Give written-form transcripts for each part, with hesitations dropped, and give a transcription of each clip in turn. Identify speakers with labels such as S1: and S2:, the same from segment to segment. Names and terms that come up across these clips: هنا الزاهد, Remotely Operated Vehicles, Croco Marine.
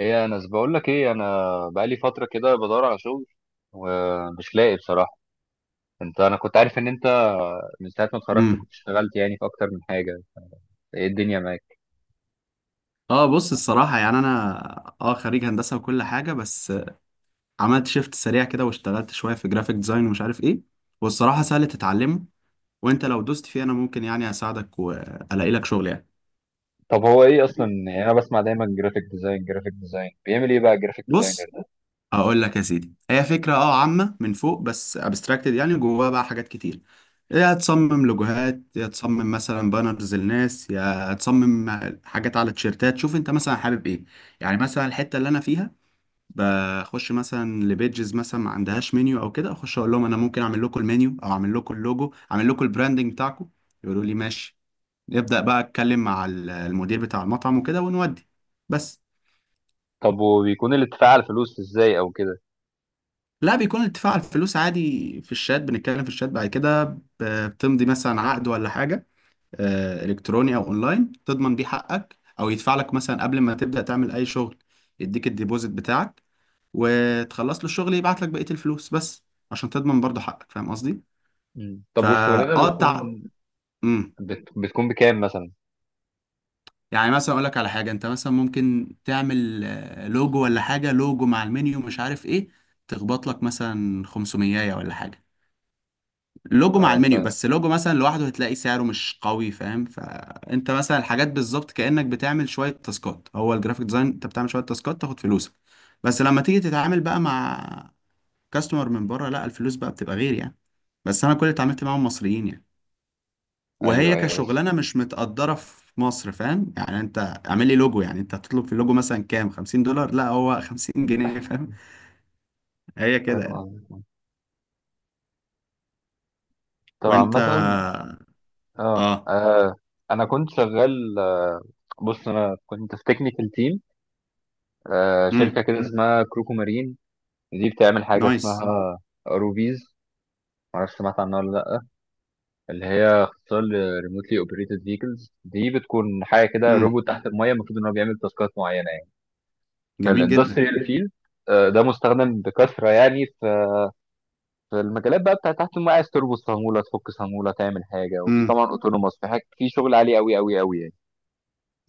S1: ايه، انا بقول لك ايه. انا بقالي فتره كده بدور على شغل ومش لاقي بصراحه. انت، انا كنت عارف ان انت من ساعه ما اتخرجت
S2: امم
S1: كنت اشتغلت يعني في اكتر من حاجه. ايه الدنيا معاك؟
S2: اه بص الصراحة يعني أنا خريج هندسة وكل حاجة، بس عملت شيفت سريع كده واشتغلت شوية في جرافيك ديزاين ومش عارف ايه، والصراحة سهل تتعلمه. وانت لو دوست فيه أنا ممكن يعني أساعدك وألاقي لك شغل يعني.
S1: طب هو ايه اصلا؟ يعني انا بسمع دايما جرافيك ديزاين جرافيك ديزاين. بيعمل ايه بقى الجرافيك ديزاينر
S2: بص،
S1: ده؟
S2: هقول لك يا سيدي، هي فكرة عامة من فوق بس ابستراكتد، يعني جواها بقى حاجات كتير. يا تصمم لوجوهات، يا تصمم مثلا بانرز للناس، يا تصمم حاجات على تيشيرتات. شوف انت مثلا حابب ايه. يعني مثلا الحتة اللي انا فيها بخش مثلا لبيجز مثلا ما عندهاش منيو او كده، اخش اقول لهم انا ممكن اعمل لكم المنيو او اعمل لكم اللوجو، اعمل لكم البراندنج بتاعكم. يقولوا لي ماشي، نبدا بقى، اتكلم مع المدير بتاع المطعم وكده ونودي. بس.
S1: طب وبيكون الاتفاق على الفلوس ازاي او كده؟
S2: لا، بيكون الاتفاق على الفلوس عادي في الشات، بنتكلم في الشات، بعد كده بتمضي مثلا عقد ولا حاجه، الكتروني او اونلاين تضمن بيه حقك، او يدفع لك مثلا قبل ما تبدا تعمل اي شغل، يديك الديبوزيت بتاعك وتخلص له الشغل يبعت لك بقيه الفلوس، بس عشان تضمن برضه حقك، فاهم قصدي.
S1: مم. طب والشغلانه
S2: فاقطع.
S1: بتكون،
S2: امم
S1: بتكون بكام مثلا؟
S2: يعني مثلا اقول لك على حاجه، انت مثلا ممكن تعمل لوجو ولا حاجه، لوجو مع المنيو مش عارف ايه، تخبط لك مثلا 500 ولا حاجه. لوجو مع
S1: اه
S2: المنيو،
S1: فاهم.
S2: بس لوجو مثلا لوحده هتلاقي سعره مش قوي، فاهم. فانت مثلا الحاجات بالظبط كانك بتعمل شويه تاسكات، هو الجرافيك ديزاين انت بتعمل شويه تاسكات تاخد فلوسك. بس لما تيجي تتعامل بقى مع كاستمر من بره، لا، الفلوس بقى بتبقى غير يعني. بس انا كل اللي اتعاملت معاهم مصريين يعني،
S1: ايوه
S2: وهي
S1: ايوه، بس
S2: كشغلانه مش متقدره في مصر، فاهم يعني. انت اعمل لي لوجو يعني، انت هتطلب في اللوجو مثلا كام؟ $50؟ لا، هو 50 جنيه فاهم. هي كده
S1: فاهم
S2: يعني.
S1: قصدك. طبعا
S2: وانت.
S1: مثلا اه
S2: اه.
S1: انا كنت شغال، بص انا كنت في تكنيكال تيم،
S2: امم.
S1: شركة كده اسمها كروكو مارين. دي بتعمل حاجة
S2: نايس.
S1: اسمها روبيز، معرفش سمعت عنها ولا لأ. اللي هي اختصار ريموتلي اوبريتد فيكلز. دي بتكون حاجة كده
S2: امم.
S1: روبوت تحت المية، المفروض إن هو بيعمل تاسكات معينة يعني.
S2: جميل جدا.
S1: فالاندستريال فيلد ده مستخدم بكثرة، يعني في في المجالات بقى بتاعت تحت المية، عايز تربط صامولة، تفك صامولة، تعمل حاجة. وفي
S2: امم.
S1: طبعا اوتونوماس، في حاجة في شغل عالي أوي أوي أوي يعني.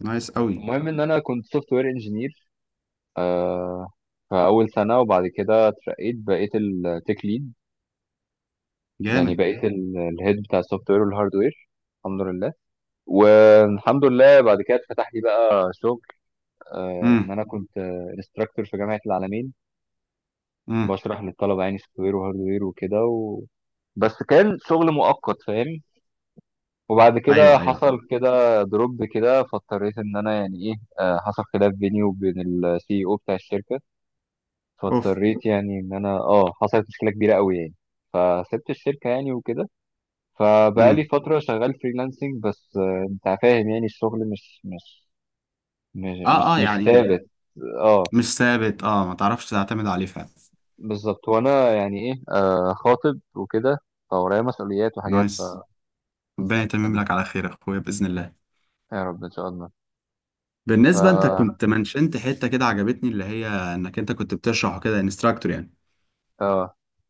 S2: نايس قوي.
S1: المهم إن أنا كنت سوفت وير انجينير في أول سنة، وبعد كده اترقيت بقيت التك ليد. يعني
S2: جامد.
S1: بقيت الهيد بتاع السوفت وير والهاردوير، الحمد لله. والحمد لله بعد كده اتفتح لي بقى شغل، ان
S2: امم.
S1: انا كنت انستراكتور في جامعه العالمين.
S2: امم.
S1: بشرح للطلبه يعني سوفت وير وهاردوير وكده بس كان شغل مؤقت، فاهم. وبعد كده
S2: ايوه ايوه
S1: حصل
S2: فاهم.
S1: كده دروب كده، فاضطريت ان انا يعني ايه، حصل خلاف بيني وبين السي او بتاع الشركه.
S2: اوف.
S1: فاضطريت يعني، ان انا اه حصلت مشكله كبيره قوي يعني، فسبت الشركه يعني وكده. فبقالي
S2: امم.
S1: فترة شغال فريلانسنج بس. انت فاهم يعني الشغل مش
S2: اه اه
S1: مش
S2: يعني.
S1: ثابت. اه
S2: مش ثابت اه، ما تعرفش تعتمد عليه فعلا.
S1: بالظبط. وانا يعني ايه، آه خاطب وكده، فورايا مسؤوليات وحاجات ف...
S2: نايس. ربنا يتمم لك على خير يا اخويا باذن الله.
S1: يا رب ان شاء الله. ف
S2: بالنسبة، انت
S1: اه
S2: كنت منشنت حتة كده عجبتني، اللي هي انك انت كنت بتشرح كده، انستراكتور يعني.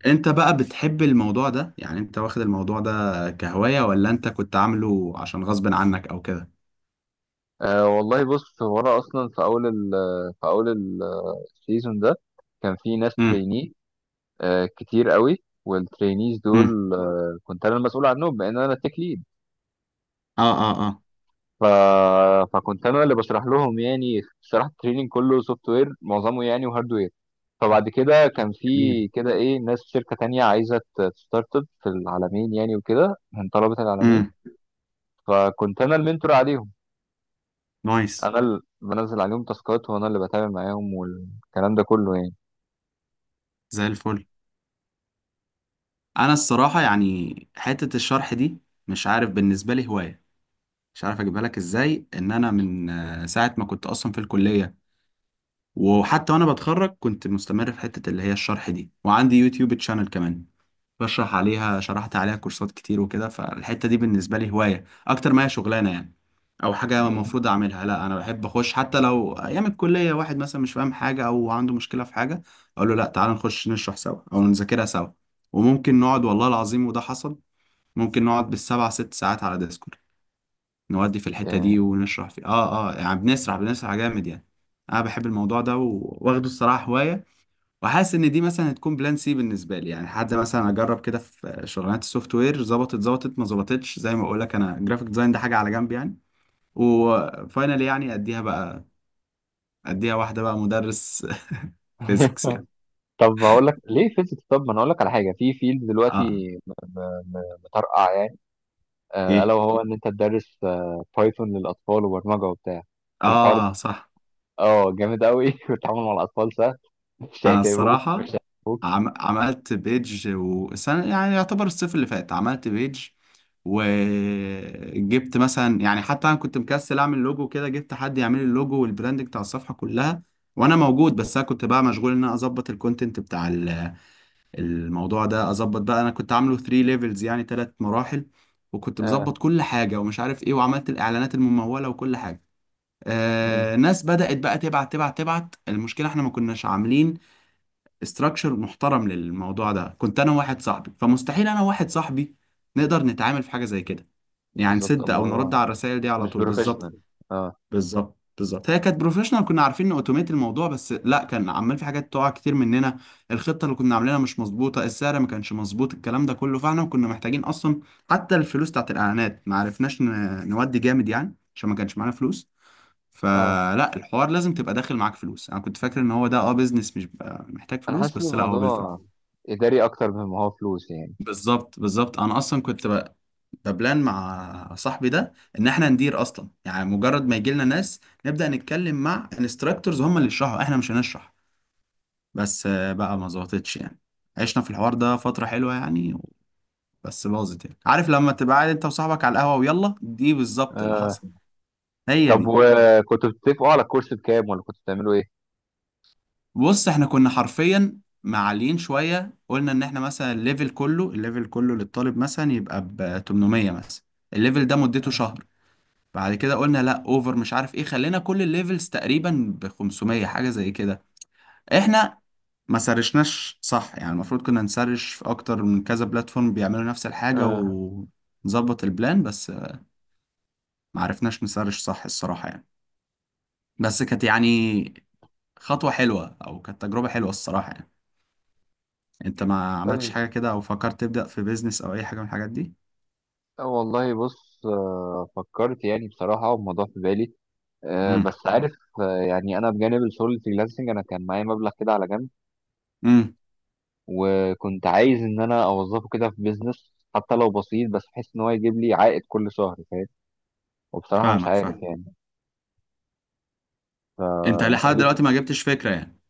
S2: انت بقى بتحب الموضوع ده يعني؟ انت واخد الموضوع ده كهواية، ولا انت كنت عامله عشان غصب عنك او كده؟
S1: والله بص، هو انا اصلا في اول ال في اول السيزون ده كان في ناس
S2: امم.
S1: تريني آه كتير قوي. والترينيز
S2: امم.
S1: دول، كنت انا المسؤول عنهم بان انا تك ليد.
S2: اه. اه. اه.
S1: ف... فكنت انا اللي بشرح لهم يعني. شرحت التريننج كله سوفت وير معظمه يعني وهاردوير. فبعد كده كان
S2: جميل.
S1: في كده ايه، ناس في شركه تانية عايزه تستارت اب في العالمين يعني، وكده من طلبه العالمين.
S2: امم.
S1: فكنت انا المنتور عليهم،
S2: نايس.
S1: انا اللي بنزل عليهم تاسكات وانا اللي بتابع معاهم والكلام ده كله يعني.
S2: زي الفل. انا الصراحة يعني حتة الشرح دي، مش عارف بالنسبة لي هواية، مش عارف اجيبها لك ازاي. ان انا من ساعة ما كنت اصلا في الكلية وحتى وانا بتخرج كنت مستمر في حتة اللي هي الشرح دي، وعندي يوتيوب تشانل كمان بشرح عليها، شرحت عليها كورسات كتير وكده. فالحتة دي بالنسبة لي هواية أكتر ما هي شغلانة يعني، أو حاجة
S1: مم.
S2: المفروض أعملها. لا، أنا بحب أخش حتى لو أيام الكلية واحد مثلا مش فاهم حاجة أو عنده مشكلة في حاجة، أقول له لا تعال نخش نشرح سوا أو نذاكرها سوا. وممكن نقعد والله العظيم، وده حصل، ممكن نقعد بالسبع ست ساعات على ديسكورد، نودي في الحتة دي
S1: يعني
S2: ونشرح في يعني، بنسرح بنسرح جامد يعني. أنا بحب الموضوع ده وواخده الصراحة هواية. وحاسس ان دي مثلا هتكون بلان سي بالنسبه لي، يعني حد مثلا اجرب كده في شغلانات السوفت وير، ظبطت ظبطت، ما ظبطتش، زي ما اقول لك انا جرافيك ديزاين ده حاجه على جنب يعني. وفاينالي يعني اديها بقى، اديها واحده بقى مدرس فيزيكس يعني.
S1: طب هقول لك ليه فيزيكس. طب ما انا هقول لك على حاجه في فيلد
S2: اه.
S1: دلوقتي م- مطرقع، الا
S2: ايه.
S1: وهو ان انت تدرس، بايثون للاطفال وبرمجه وبتاع الحوار ده.
S2: اه صح.
S1: اه جامد قوي والتعامل مع الاطفال سهل، مش
S2: انا
S1: هيتعبوك مش
S2: الصراحه
S1: هيتعبوك.
S2: عملت بيج، وسنة يعني يعتبر الصيف اللي فات عملت بيج. وجبت مثلا، يعني حتى انا كنت مكسل اعمل لوجو كده، جبت حد يعمل لي اللوجو والبراند بتاع الصفحه كلها، وانا موجود، بس انا كنت بقى مشغول ان انا اظبط الكونتنت بتاع الموضوع ده، اظبط بقى. انا كنت عامله 3 ليفلز، يعني 3 مراحل، وكنت
S1: اه.
S2: مظبط كل حاجه ومش عارف ايه، وعملت الاعلانات المموله وكل حاجه.
S1: مم.
S2: ناس بدأت بقى تبعت تبعت تبعت. المشكلة احنا ما كناش عاملين استراكشر محترم للموضوع ده، كنت انا وواحد صاحبي، فمستحيل انا وواحد صاحبي نقدر نتعامل في حاجه زي كده، يعني
S1: بالظبط،
S2: نسد او نرد
S1: الموضوع
S2: على الرسائل دي على
S1: مش
S2: طول بالظبط.
S1: بروفيشنال. اه
S2: بالظبط بالظبط، هي كانت بروفيشنال، كنا عارفين اوتوميت الموضوع، بس لا، كان عمال في حاجات تقع كتير مننا. الخطه اللي كنا عاملينها مش مظبوطه، السعر ما كانش مظبوط، الكلام ده كله. فاحنا كنا محتاجين اصلا، حتى الفلوس بتاعت الاعلانات ما عرفناش نودي جامد يعني، عشان ما كانش معانا فلوس.
S1: اه.
S2: فلا، الحوار لازم تبقى داخل معاك فلوس، انا كنت فاكر ان هو ده اه بيزنس مش بيبقى محتاج
S1: انا
S2: فلوس،
S1: حاسس ان
S2: بس لا، هو
S1: الموضوع
S2: بالفلوس.
S1: اداري اكتر مما هو فلوس يعني.
S2: بالظبط بالظبط، انا اصلا كنت ببلان مع صاحبي ده ان احنا ندير اصلا، يعني مجرد ما يجي لنا ناس نبدا نتكلم مع انستراكتورز، هم اللي يشرحوا، احنا مش هنشرح. بس بقى ما
S1: مم.
S2: ظبطتش يعني. عشنا في الحوار ده فتره حلوه يعني، بس باظت يعني. عارف لما تبقى قاعد انت وصاحبك على القهوه، ويلا، دي بالظبط اللي
S1: آه.
S2: حصل. هي
S1: طب
S2: دي.
S1: وكنتوا بتتفقوا على الكورس بكام، ولا كنتوا بتعملوا ايه؟
S2: بص احنا كنا حرفيا معليين شويه، قلنا ان احنا مثلا الليفل كله، الليفل كله للطالب مثلا يبقى ب 800 مثلا، الليفل ده مدته شهر. بعد كده قلنا لا اوفر مش عارف ايه، خلينا كل الليفلز تقريبا ب 500، حاجه زي كده. احنا ما سرشناش صح يعني، المفروض كنا نسرش في اكتر من كذا بلاتفورم بيعملوا نفس الحاجه
S1: آه.
S2: ونظبط البلان، بس ما عرفناش نسرش صح الصراحه يعني. بس كانت يعني خطوه حلوه، او كانت تجربه حلوه الصراحه يعني. انت ما عملتش
S1: طيب،
S2: حاجه كده، او فكرت تبدا في بيزنس او اي حاجه من الحاجات دي؟
S1: والله بص، آه فكرت يعني بصراحة، والموضوع في بالي،
S2: امم.
S1: بس عارف، يعني انا بجانب الشغل الفريلانسنج انا كان معايا مبلغ كده على جنب،
S2: امم.
S1: وكنت عايز ان انا اوظفه كده في بيزنس حتى لو بسيط، بس بحيث ان هو يجيب لي عائد كل شهر، فاهم. وبصراحه مش
S2: فاهمك
S1: عارف
S2: فاهم.
S1: يعني.
S2: انت
S1: فانت
S2: لحد
S1: ليك؟
S2: دلوقتي ما جبتش فكره يعني.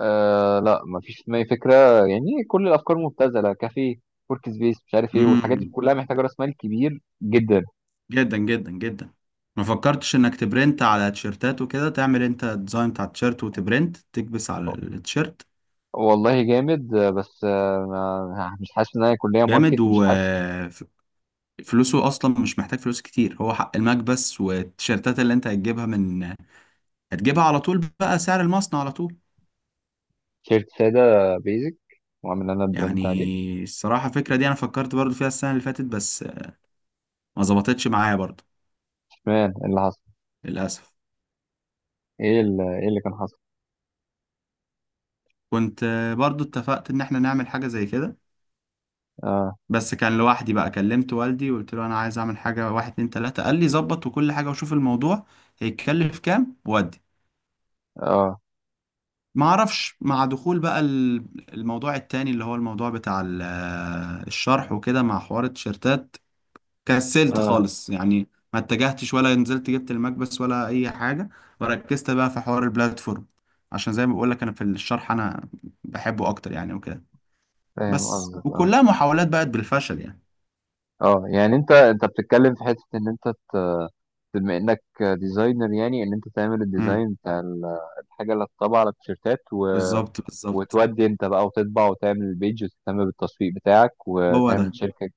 S1: آه لا، مفيش في دماغي فكره. يعني كل الافكار مبتذله: كافيه، ورك سبيس، مش عارف ايه، والحاجات دي
S2: امم.
S1: كلها محتاجه راس مال كبير جدا.
S2: جدا جدا جدا. ما فكرتش انك تبرنت على تيشيرتات وكده، تعمل انت الديزاين بتاع التيشيرت وتبرنت، تكبس على التيشيرت.
S1: والله جامد، بس، مش حاسس ان انا كليه ماركت،
S2: جامد
S1: مش حاسس.
S2: وفلوسه اصلا مش محتاج فلوس كتير، هو حق المكبس والتيشيرتات اللي انت هتجيبها من، هتجيبها على طول بقى سعر المصنع على طول.
S1: تيشيرت ساده بيزك واعمل انا برنت عليه.
S2: يعني الصراحة الفكرة دي انا فكرت برضو فيها السنة اللي فاتت، بس ما ظبطتش معايا برضو
S1: مان اللي حصل،
S2: للأسف.
S1: ايه اللي كان حصل؟
S2: كنت برضو اتفقت ان احنا نعمل حاجة زي كده،
S1: اه
S2: بس كان لوحدي بقى. كلمت والدي وقلت له انا عايز اعمل حاجه، واحد اتنين تلاته، قال لي ظبط وكل حاجه وشوف الموضوع هيتكلف كام وودي.
S1: اه
S2: ما اعرفش، مع دخول بقى الموضوع التاني، اللي هو الموضوع بتاع الشرح وكده، مع حوار التيشيرتات كسلت
S1: اه
S2: خالص يعني، ما اتجهتش ولا نزلت جبت المكبس ولا اي حاجه. وركزت بقى في حوار البلاتفورم، عشان زي ما بقول لك انا في الشرح انا بحبه اكتر يعني وكده.
S1: فاهم
S2: بس
S1: قصدك. اه
S2: وكلها محاولات بقت بالفشل يعني.
S1: اه يعني انت، بتتكلم في حته ان انت، بما انك ديزاينر، يعني ان انت تعمل
S2: امم.
S1: الديزاين بتاع الحاجه اللي هتطبع على التيشيرتات
S2: بالظبط بالظبط.
S1: وتودي انت بقى وتطبع، وتعمل البيج وتهتم بالتسويق بتاعك،
S2: هو
S1: وتعمل
S2: ده.
S1: شركه،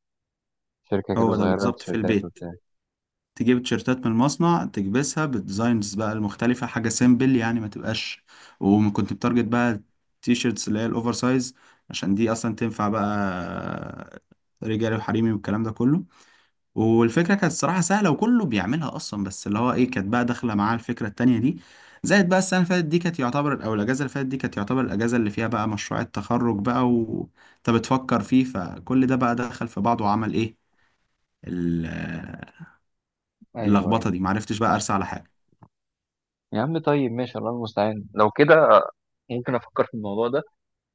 S1: شركه كده
S2: هو ده
S1: صغيره
S2: بالظبط، في
S1: للتيشيرتات
S2: البيت،
S1: وبتاع.
S2: تجيب تيشيرتات من المصنع، تكبسها بالديزاينز بقى المختلفة، حاجة سيمبل يعني ما تبقاش. وكنت بتارجت بقى التيشيرتس اللي هي الأوفر سايز، عشان دي أصلا تنفع بقى رجالي وحريمي والكلام ده كله. والفكرة كانت الصراحة سهلة وكله بيعملها أصلا، بس اللي هو إيه، كانت بقى داخلة معاه الفكرة التانية دي. زائد بقى السنة اللي فاتت دي كانت يعتبر، أو الأجازة اللي فاتت دي كانت يعتبر الأجازة اللي فيها بقى مشروع التخرج بقى، وأنت بتفكر فيه، فكل ده بقى دخل في بعضه وعمل إيه ال-
S1: ايوه ايوه.
S2: اللخبطه دي، معرفتش بقى ارسى على حاجه.
S1: يا عم طيب ماشي، الله المستعان. لو كده ممكن افكر في الموضوع ده،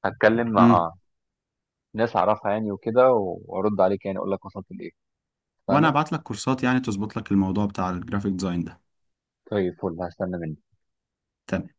S1: هتكلم
S2: امم.
S1: مع ناس اعرفها يعني وكده، وارد عليك يعني اقول لك وصلت لايه.
S2: وانا
S1: اتفقنا؟
S2: ابعت لك كورسات يعني تظبط لك الموضوع بتاع الجرافيك ديزاين ده.
S1: طيب، فل هستنى منك.
S2: تمام.